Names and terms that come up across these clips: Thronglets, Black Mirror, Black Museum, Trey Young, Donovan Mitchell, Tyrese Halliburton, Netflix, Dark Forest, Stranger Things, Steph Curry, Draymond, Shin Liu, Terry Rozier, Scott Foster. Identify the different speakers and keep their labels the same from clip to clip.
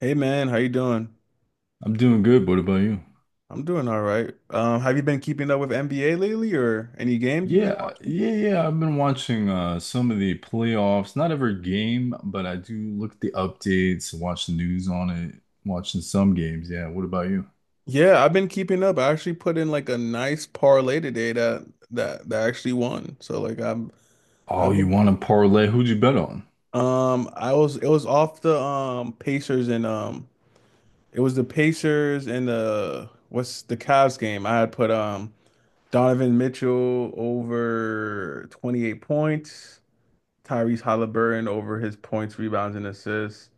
Speaker 1: Hey man, how you doing?
Speaker 2: I'm doing good. What about you?
Speaker 1: I'm doing all right. Have you been keeping up with NBA lately or any games you've been
Speaker 2: Yeah,
Speaker 1: watching?
Speaker 2: yeah, yeah. I've been watching some of the playoffs. Not every game, but I do look at the updates, watch the news on it, watching some games. Yeah. What about you?
Speaker 1: Yeah, I've been keeping up. I actually put in like a nice parlay today that actually won. So like I'm
Speaker 2: Oh,
Speaker 1: I've
Speaker 2: you
Speaker 1: been
Speaker 2: want to parlay? Who'd you bet on?
Speaker 1: I was it was off the Pacers and it was the Pacers and the what's the Cavs game. I had put Donovan Mitchell over 28 points, Tyrese Halliburton over his points, rebounds, and assists,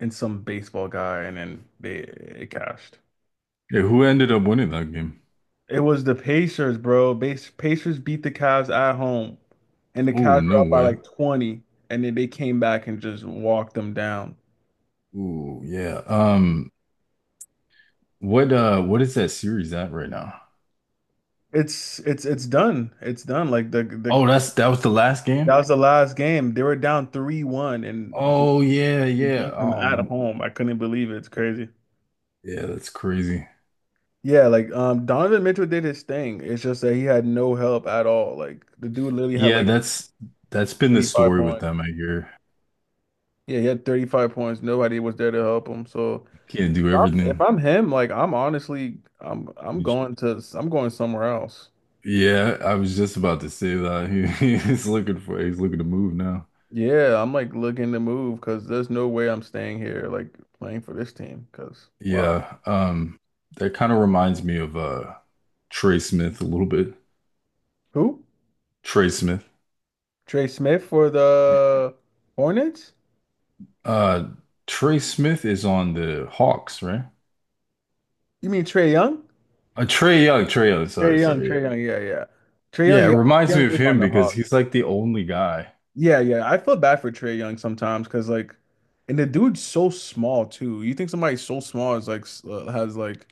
Speaker 1: and some baseball guy, and then they it cashed.
Speaker 2: Yeah, who ended up winning that game?
Speaker 1: It was the Pacers, bro. Bas Pacers beat the Cavs at home, and the
Speaker 2: Oh,
Speaker 1: Cavs were
Speaker 2: no
Speaker 1: up by
Speaker 2: way.
Speaker 1: like 20, and then they came back and just walked them down.
Speaker 2: Oh, yeah. What is that series at right now?
Speaker 1: It's done. It's done. Like the
Speaker 2: Oh, that's that was the last
Speaker 1: that
Speaker 2: game?
Speaker 1: was the last game. They were down 3-1 and
Speaker 2: Oh yeah,
Speaker 1: they
Speaker 2: yeah.
Speaker 1: beat them at home. I couldn't believe it. It's crazy.
Speaker 2: Yeah, that's crazy.
Speaker 1: Yeah, like Donovan Mitchell did his thing. It's just that he had no help at all. Like the dude literally had
Speaker 2: Yeah,
Speaker 1: like
Speaker 2: that's That's been the
Speaker 1: 35
Speaker 2: story with
Speaker 1: points.
Speaker 2: them, I hear.
Speaker 1: Yeah, he had 35 points. Nobody was there to help him. So
Speaker 2: Can't do
Speaker 1: if
Speaker 2: everything.
Speaker 1: I'm him, like I'm honestly I'm going somewhere else.
Speaker 2: Yeah, I was just about to say that. He's looking for he's looking to move now.
Speaker 1: Yeah, I'm like looking to move because there's no way I'm staying here like playing for this team because wow.
Speaker 2: Yeah. That kind of reminds me of Trey Smith a little bit.
Speaker 1: Who?
Speaker 2: Trey Smith.
Speaker 1: Trey Smith for
Speaker 2: Yeah.
Speaker 1: the Hornets?
Speaker 2: Uh Trey Smith is on the Hawks, right?
Speaker 1: You mean Trey Young?
Speaker 2: Trey Young, sorry,
Speaker 1: Trey Young,
Speaker 2: yeah.
Speaker 1: Trey Young, yeah, yeah. Trey
Speaker 2: Yeah,
Speaker 1: Young,
Speaker 2: it
Speaker 1: yeah, Trey
Speaker 2: reminds
Speaker 1: Young
Speaker 2: me of
Speaker 1: is on
Speaker 2: him
Speaker 1: the
Speaker 2: because
Speaker 1: Hawks.
Speaker 2: he's like the only guy.
Speaker 1: Yeah, yeah. I feel bad for Trey Young sometimes because like, and the dude's so small too. You think somebody so small is like has like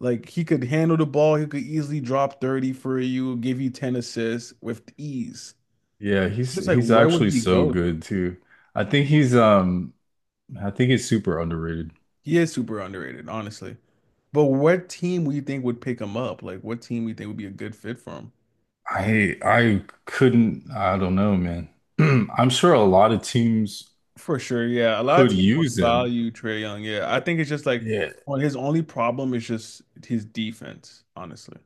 Speaker 1: he could handle the ball. He could easily drop 30 for you, give you 10 assists with ease.
Speaker 2: Yeah,
Speaker 1: Just like
Speaker 2: he's
Speaker 1: where would
Speaker 2: actually
Speaker 1: he
Speaker 2: so
Speaker 1: go though?
Speaker 2: good too. I think he's um I think he's super underrated.
Speaker 1: He is super underrated, honestly. But what team would you think would pick him up? Like what team do you think would be a good fit for him?
Speaker 2: I couldn't I don't know, man. I'm sure a lot of teams
Speaker 1: For sure, yeah. A lot of
Speaker 2: could
Speaker 1: teams would
Speaker 2: use him.
Speaker 1: value Trey Young. Yeah, I think it's just like
Speaker 2: Yeah.
Speaker 1: well, his only problem is just his defense, honestly.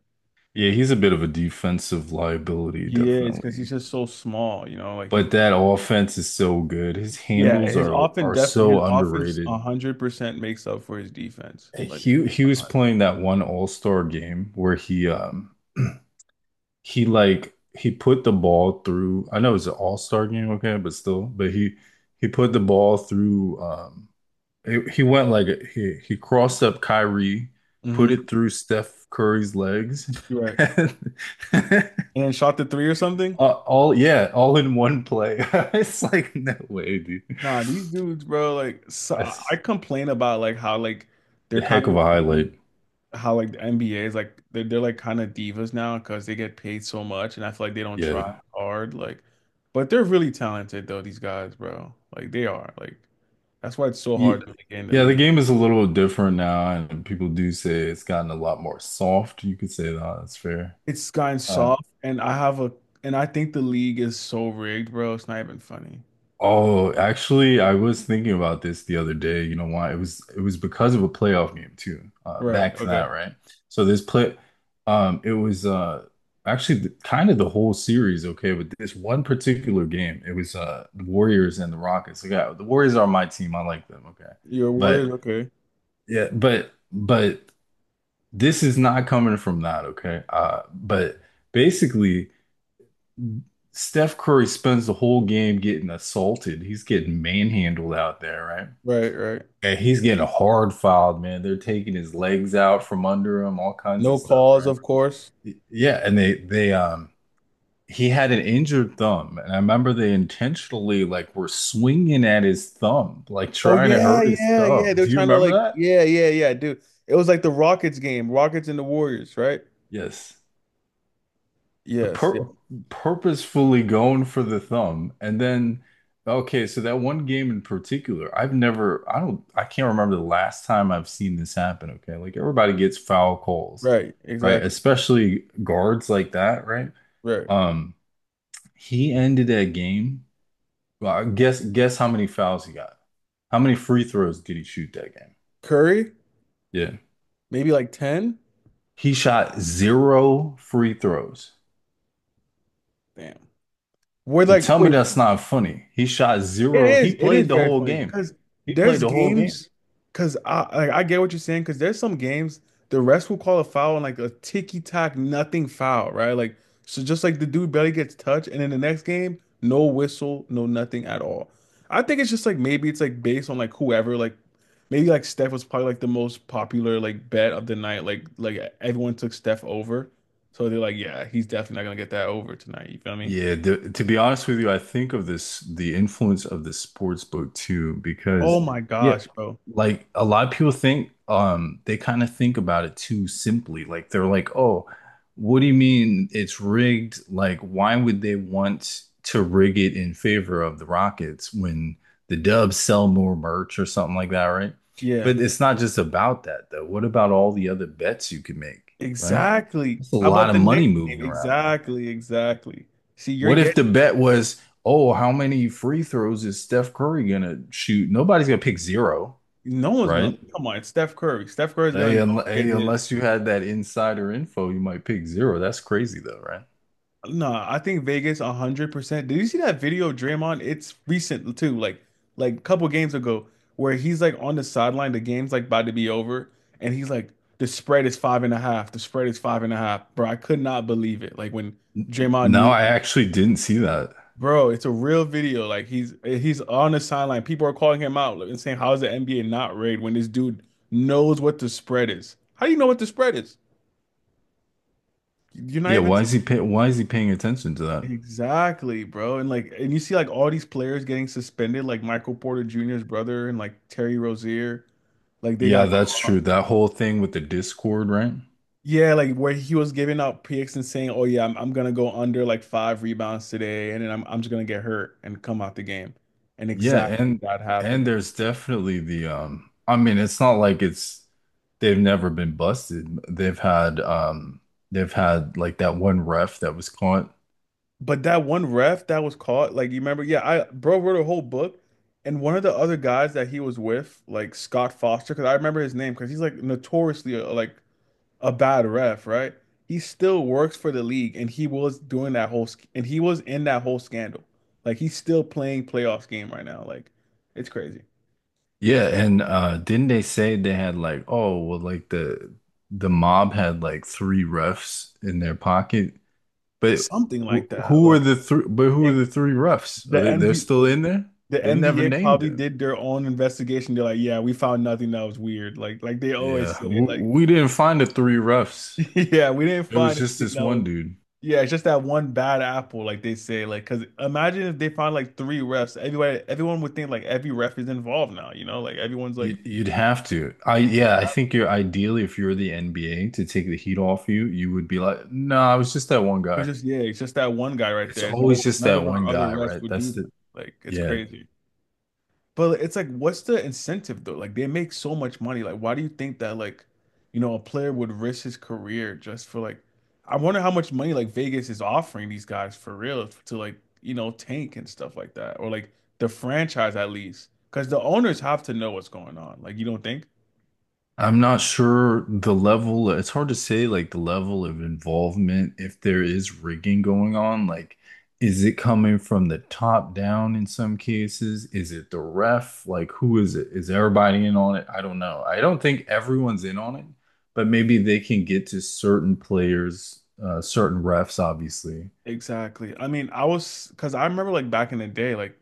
Speaker 2: Yeah, he's a bit of a defensive liability,
Speaker 1: He is because he's
Speaker 2: definitely.
Speaker 1: just so small, you know. Like
Speaker 2: But
Speaker 1: he's
Speaker 2: that offense is so good. His
Speaker 1: yeah,
Speaker 2: handles are
Speaker 1: his
Speaker 2: so
Speaker 1: offense a
Speaker 2: underrated.
Speaker 1: hundred percent makes up for his defense. Like,
Speaker 2: He was playing that one All-Star game where he he put the ball through. I know it's an All-Star game, okay, but still, but he put the ball through he went he crossed up Kyrie, put
Speaker 1: mm-hmm.
Speaker 2: it through Steph Curry's legs,
Speaker 1: You're right.
Speaker 2: and
Speaker 1: And then shot the three or something.
Speaker 2: all in one play. It's like no way, dude.
Speaker 1: Nah, these dudes, bro. Like, so I
Speaker 2: That's
Speaker 1: complain about like how like they're
Speaker 2: a
Speaker 1: kind
Speaker 2: heck of
Speaker 1: of
Speaker 2: a highlight.
Speaker 1: how like the NBA is like they're like kind of divas now because they get paid so much, and I feel like they don't try
Speaker 2: Yeah.
Speaker 1: hard. Like, but they're really talented though. These guys, bro. Like they are. Like that's why it's so hard
Speaker 2: Ye-
Speaker 1: to make it in the
Speaker 2: Yeah, the
Speaker 1: league.
Speaker 2: game is a little different now, and people do say it's gotten a lot more soft. You could say that, that's fair.
Speaker 1: It's gotten
Speaker 2: Uh,
Speaker 1: soft, and I think the league is so rigged, bro. It's not even funny.
Speaker 2: Oh, actually, I was thinking about this the other day. You know why? It was because of a playoff game too.
Speaker 1: Right.
Speaker 2: Back to that,
Speaker 1: Okay.
Speaker 2: right? So this play, it was actually kind of the whole series, okay, but this one particular game, it was the Warriors and the Rockets. Like, yeah, the Warriors are my team. I like them, okay,
Speaker 1: Your
Speaker 2: but
Speaker 1: words. Okay.
Speaker 2: yeah, but this is not coming from that, okay? But basically. Steph Curry spends the whole game getting assaulted. He's getting manhandled out there, right?
Speaker 1: Right. Right.
Speaker 2: And he's getting hard filed, man. They're taking his legs out from under him, all kinds of
Speaker 1: No
Speaker 2: stuff,
Speaker 1: calls,
Speaker 2: right?
Speaker 1: of course.
Speaker 2: Yeah, and they he had an injured thumb, and I remember they intentionally were swinging at his thumb, like
Speaker 1: Oh
Speaker 2: trying to
Speaker 1: yeah,
Speaker 2: hurt his
Speaker 1: yeah, yeah.
Speaker 2: thumb.
Speaker 1: They're
Speaker 2: Do you
Speaker 1: trying to
Speaker 2: remember
Speaker 1: like,
Speaker 2: that?
Speaker 1: yeah, yeah, yeah, dude. It was like the Rockets game, Rockets and the Warriors, right?
Speaker 2: Yes.
Speaker 1: Yes. Yeah.
Speaker 2: pur Purposefully going for the thumb and then okay, so that one game in particular, I don't, I can't remember the last time I've seen this happen. Okay, like everybody gets foul calls,
Speaker 1: Right.
Speaker 2: right?
Speaker 1: Exactly.
Speaker 2: Especially guards like that, right?
Speaker 1: Right.
Speaker 2: um he ended that game, well, I guess how many fouls he got, how many free throws did he shoot that game?
Speaker 1: Curry,
Speaker 2: Yeah,
Speaker 1: maybe like 10.
Speaker 2: he shot zero free throws.
Speaker 1: Damn. We're
Speaker 2: You
Speaker 1: like,
Speaker 2: tell me
Speaker 1: wait,
Speaker 2: that's not funny. He shot
Speaker 1: it
Speaker 2: zero.
Speaker 1: is. It is very funny because
Speaker 2: He played
Speaker 1: there's
Speaker 2: the whole game.
Speaker 1: games. Because I like I get what you're saying. Because there's some games the rest will call a foul and like a ticky tack nothing foul, right? Like so, just like the dude barely gets touched, and in the next game, no whistle, no nothing at all. I think it's just like maybe it's like based on like whoever like maybe like Steph was probably like the most popular like bet of the night. Like everyone took Steph over, so they're like, yeah, he's definitely not gonna get that over tonight. You feel me?
Speaker 2: Yeah, to be honest with you, I think of this the influence of the sports book too,
Speaker 1: Oh
Speaker 2: because
Speaker 1: my
Speaker 2: yeah,
Speaker 1: gosh, bro.
Speaker 2: like a lot of people think they kind of think about it too simply. Like they're like, oh, what do you mean it's rigged? Like, why would they want to rig it in favor of the Rockets when the Dubs sell more merch or something like that, right?
Speaker 1: Yeah.
Speaker 2: But it's not just about that though. What about all the other bets you can make, right?
Speaker 1: Exactly.
Speaker 2: That's a
Speaker 1: How
Speaker 2: lot
Speaker 1: about
Speaker 2: of
Speaker 1: the
Speaker 2: money
Speaker 1: next game?
Speaker 2: moving around, man.
Speaker 1: Exactly, exactly. See, you're
Speaker 2: What if the
Speaker 1: getting
Speaker 2: bet was, oh, how many free throws is Steph Curry gonna shoot? Nobody's gonna pick zero,
Speaker 1: no one's gonna
Speaker 2: right?
Speaker 1: come on. It's Steph Curry. Steph Curry's gonna go get
Speaker 2: Hey,
Speaker 1: his.
Speaker 2: unless you had that insider info, you might pick zero. That's crazy though, right?
Speaker 1: No, I think Vegas 100%. Did you see that video of Draymond? It's recent too, like a couple games ago, where he's like on the sideline. The game's like about to be over, and he's like, "The spread is 5.5. The spread is five and a half." Bro, I could not believe it. Like when
Speaker 2: N-
Speaker 1: Draymond
Speaker 2: No,
Speaker 1: knew.
Speaker 2: I actually didn't see that.
Speaker 1: Bro, it's a real video. Like he's on the sideline. People are calling him out and saying, "How is the NBA not rigged when this dude knows what the spread is? How do you know what the spread is? You're not
Speaker 2: Yeah,
Speaker 1: even
Speaker 2: why is he pay why is he paying attention to that?
Speaker 1: exactly, bro." And like, and you see like all these players getting suspended, like Michael Porter Jr.'s brother and like Terry Rozier, like they
Speaker 2: Yeah,
Speaker 1: got
Speaker 2: that's
Speaker 1: caught.
Speaker 2: true. That whole thing with the Discord, right?
Speaker 1: Yeah, like where he was giving out picks and saying, "Oh yeah, I'm gonna go under like five rebounds today, and then I'm just gonna get hurt and come out the game." And
Speaker 2: Yeah,
Speaker 1: exactly
Speaker 2: and
Speaker 1: that happened.
Speaker 2: there's definitely the I mean, it's not like it's they've never been busted. They've had like that one ref that was caught.
Speaker 1: But that one ref that was caught, like you remember, yeah, I bro wrote a whole book, and one of the other guys that he was with, like Scott Foster, because I remember his name, because he's like notoriously like a bad ref, right? He still works for the league, and he was doing that whole, sc- and he was in that whole scandal. Like he's still playing playoffs game right now. Like it's crazy.
Speaker 2: Yeah, and didn't they say they had like, oh well, like the mob had like three refs in their pocket. But
Speaker 1: Something like that. Like
Speaker 2: who are
Speaker 1: it,
Speaker 2: the three refs? Are
Speaker 1: the
Speaker 2: they, they're
Speaker 1: NBA,
Speaker 2: still in there?
Speaker 1: the
Speaker 2: They never
Speaker 1: NBA
Speaker 2: named
Speaker 1: probably
Speaker 2: him.
Speaker 1: did their own investigation. They're like, yeah, we found nothing that was weird. Like they always
Speaker 2: Yeah,
Speaker 1: say,
Speaker 2: w
Speaker 1: like.
Speaker 2: we didn't find the three refs.
Speaker 1: Yeah, we didn't
Speaker 2: It was
Speaker 1: find
Speaker 2: just
Speaker 1: anything
Speaker 2: this
Speaker 1: that
Speaker 2: one
Speaker 1: was.
Speaker 2: dude.
Speaker 1: Yeah, it's just that one bad apple, like they say. Like, cause imagine if they found like three refs. Everyone would think like every ref is involved now. You know, like everyone's like, it
Speaker 2: You'd have to. I yeah, I think you're ideally, if you're the NBA, to take the heat off you, you would be like, no, I was just that one
Speaker 1: was
Speaker 2: guy.
Speaker 1: just yeah, it's just that one guy right
Speaker 2: It's
Speaker 1: there. No,
Speaker 2: always just
Speaker 1: none
Speaker 2: that
Speaker 1: of our
Speaker 2: one
Speaker 1: other
Speaker 2: guy,
Speaker 1: refs
Speaker 2: right?
Speaker 1: would do
Speaker 2: That's
Speaker 1: that.
Speaker 2: the
Speaker 1: Like, it's
Speaker 2: yeah.
Speaker 1: crazy. But like, it's like, what's the incentive though? Like they make so much money. Like, why do you think that like, you know, a player would risk his career just for like, I wonder how much money like Vegas is offering these guys for real to like, you know, tank and stuff like that, or like the franchise at least, because the owners have to know what's going on. Like, you don't think?
Speaker 2: I'm not sure the level, it's hard to say like the level of involvement if there is rigging going on. Like, is it coming from the top down in some cases? Is it the ref? Like, who is it? Is everybody in on it? I don't know. I don't think everyone's in on it, but maybe they can get to certain players, certain refs, obviously.
Speaker 1: Exactly. I mean, I was because I remember like back in the day, like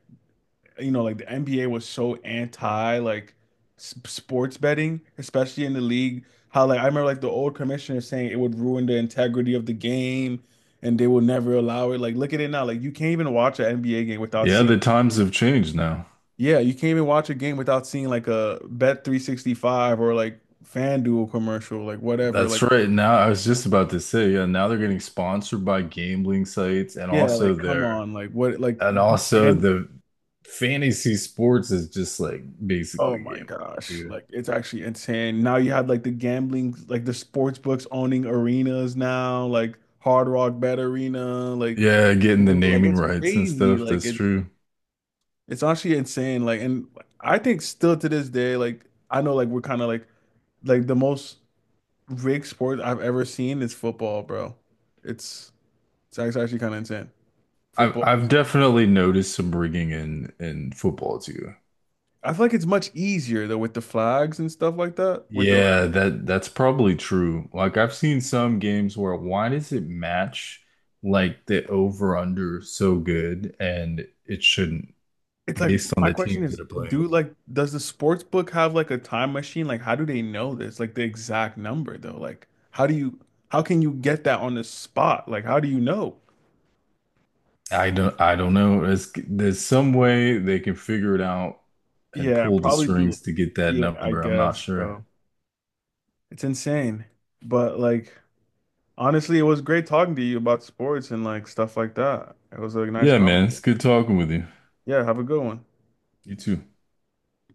Speaker 1: you know, like the NBA was so anti like s sports betting, especially in the league. How like I remember like the old commissioner saying it would ruin the integrity of the game and they will never allow it. Like look at it now. Like you can't even watch an NBA game without
Speaker 2: Yeah,
Speaker 1: seeing
Speaker 2: the times have changed now.
Speaker 1: yeah, you can't even watch a game without seeing like a Bet 365 or like FanDuel commercial, like whatever.
Speaker 2: That's
Speaker 1: Like
Speaker 2: right. Now, I was just about to say, yeah, now they're getting sponsored by gambling sites, and
Speaker 1: yeah,
Speaker 2: also
Speaker 1: like come
Speaker 2: they're
Speaker 1: on. Like what like
Speaker 2: and also the fantasy sports is just like
Speaker 1: oh
Speaker 2: basically
Speaker 1: my
Speaker 2: gambling
Speaker 1: gosh.
Speaker 2: too.
Speaker 1: Like it's actually insane. Now you have like the gambling, like the sports books owning arenas now, like Hard Rock Bet Arena, like
Speaker 2: Yeah, getting the
Speaker 1: dude, like
Speaker 2: naming
Speaker 1: it's
Speaker 2: rights and
Speaker 1: crazy.
Speaker 2: stuff. That's true.
Speaker 1: It's actually insane. Like and I think still to this day, like I know like we're kind of like the most rigged sport I've ever seen is football, bro. It's it's actually kind of insane. Football
Speaker 2: I've
Speaker 1: is-
Speaker 2: definitely noticed some rigging in football too.
Speaker 1: I feel like it's much easier though with the flags and stuff like that, with the
Speaker 2: Yeah, that that's probably true. Like I've seen some games where why does it match like the over under so good, and it shouldn't
Speaker 1: it's like
Speaker 2: based on
Speaker 1: my
Speaker 2: the
Speaker 1: question
Speaker 2: teams that
Speaker 1: is,
Speaker 2: are playing.
Speaker 1: do like does the sports book have like a time machine? Like how do they know this? Like the exact number though? Like how do you how can you get that on the spot? Like how do you know?
Speaker 2: I don't know. There's some way they can figure it out and
Speaker 1: Yeah,
Speaker 2: pull the
Speaker 1: probably do.
Speaker 2: strings to get that
Speaker 1: Yeah, I
Speaker 2: number. I'm not
Speaker 1: guess,
Speaker 2: sure.
Speaker 1: bro. It's insane. But like honestly, it was great talking to you about sports and like stuff like that. It was a nice
Speaker 2: Yeah, man, it's
Speaker 1: conversation.
Speaker 2: good talking with you.
Speaker 1: Yeah, have a good one.
Speaker 2: You too.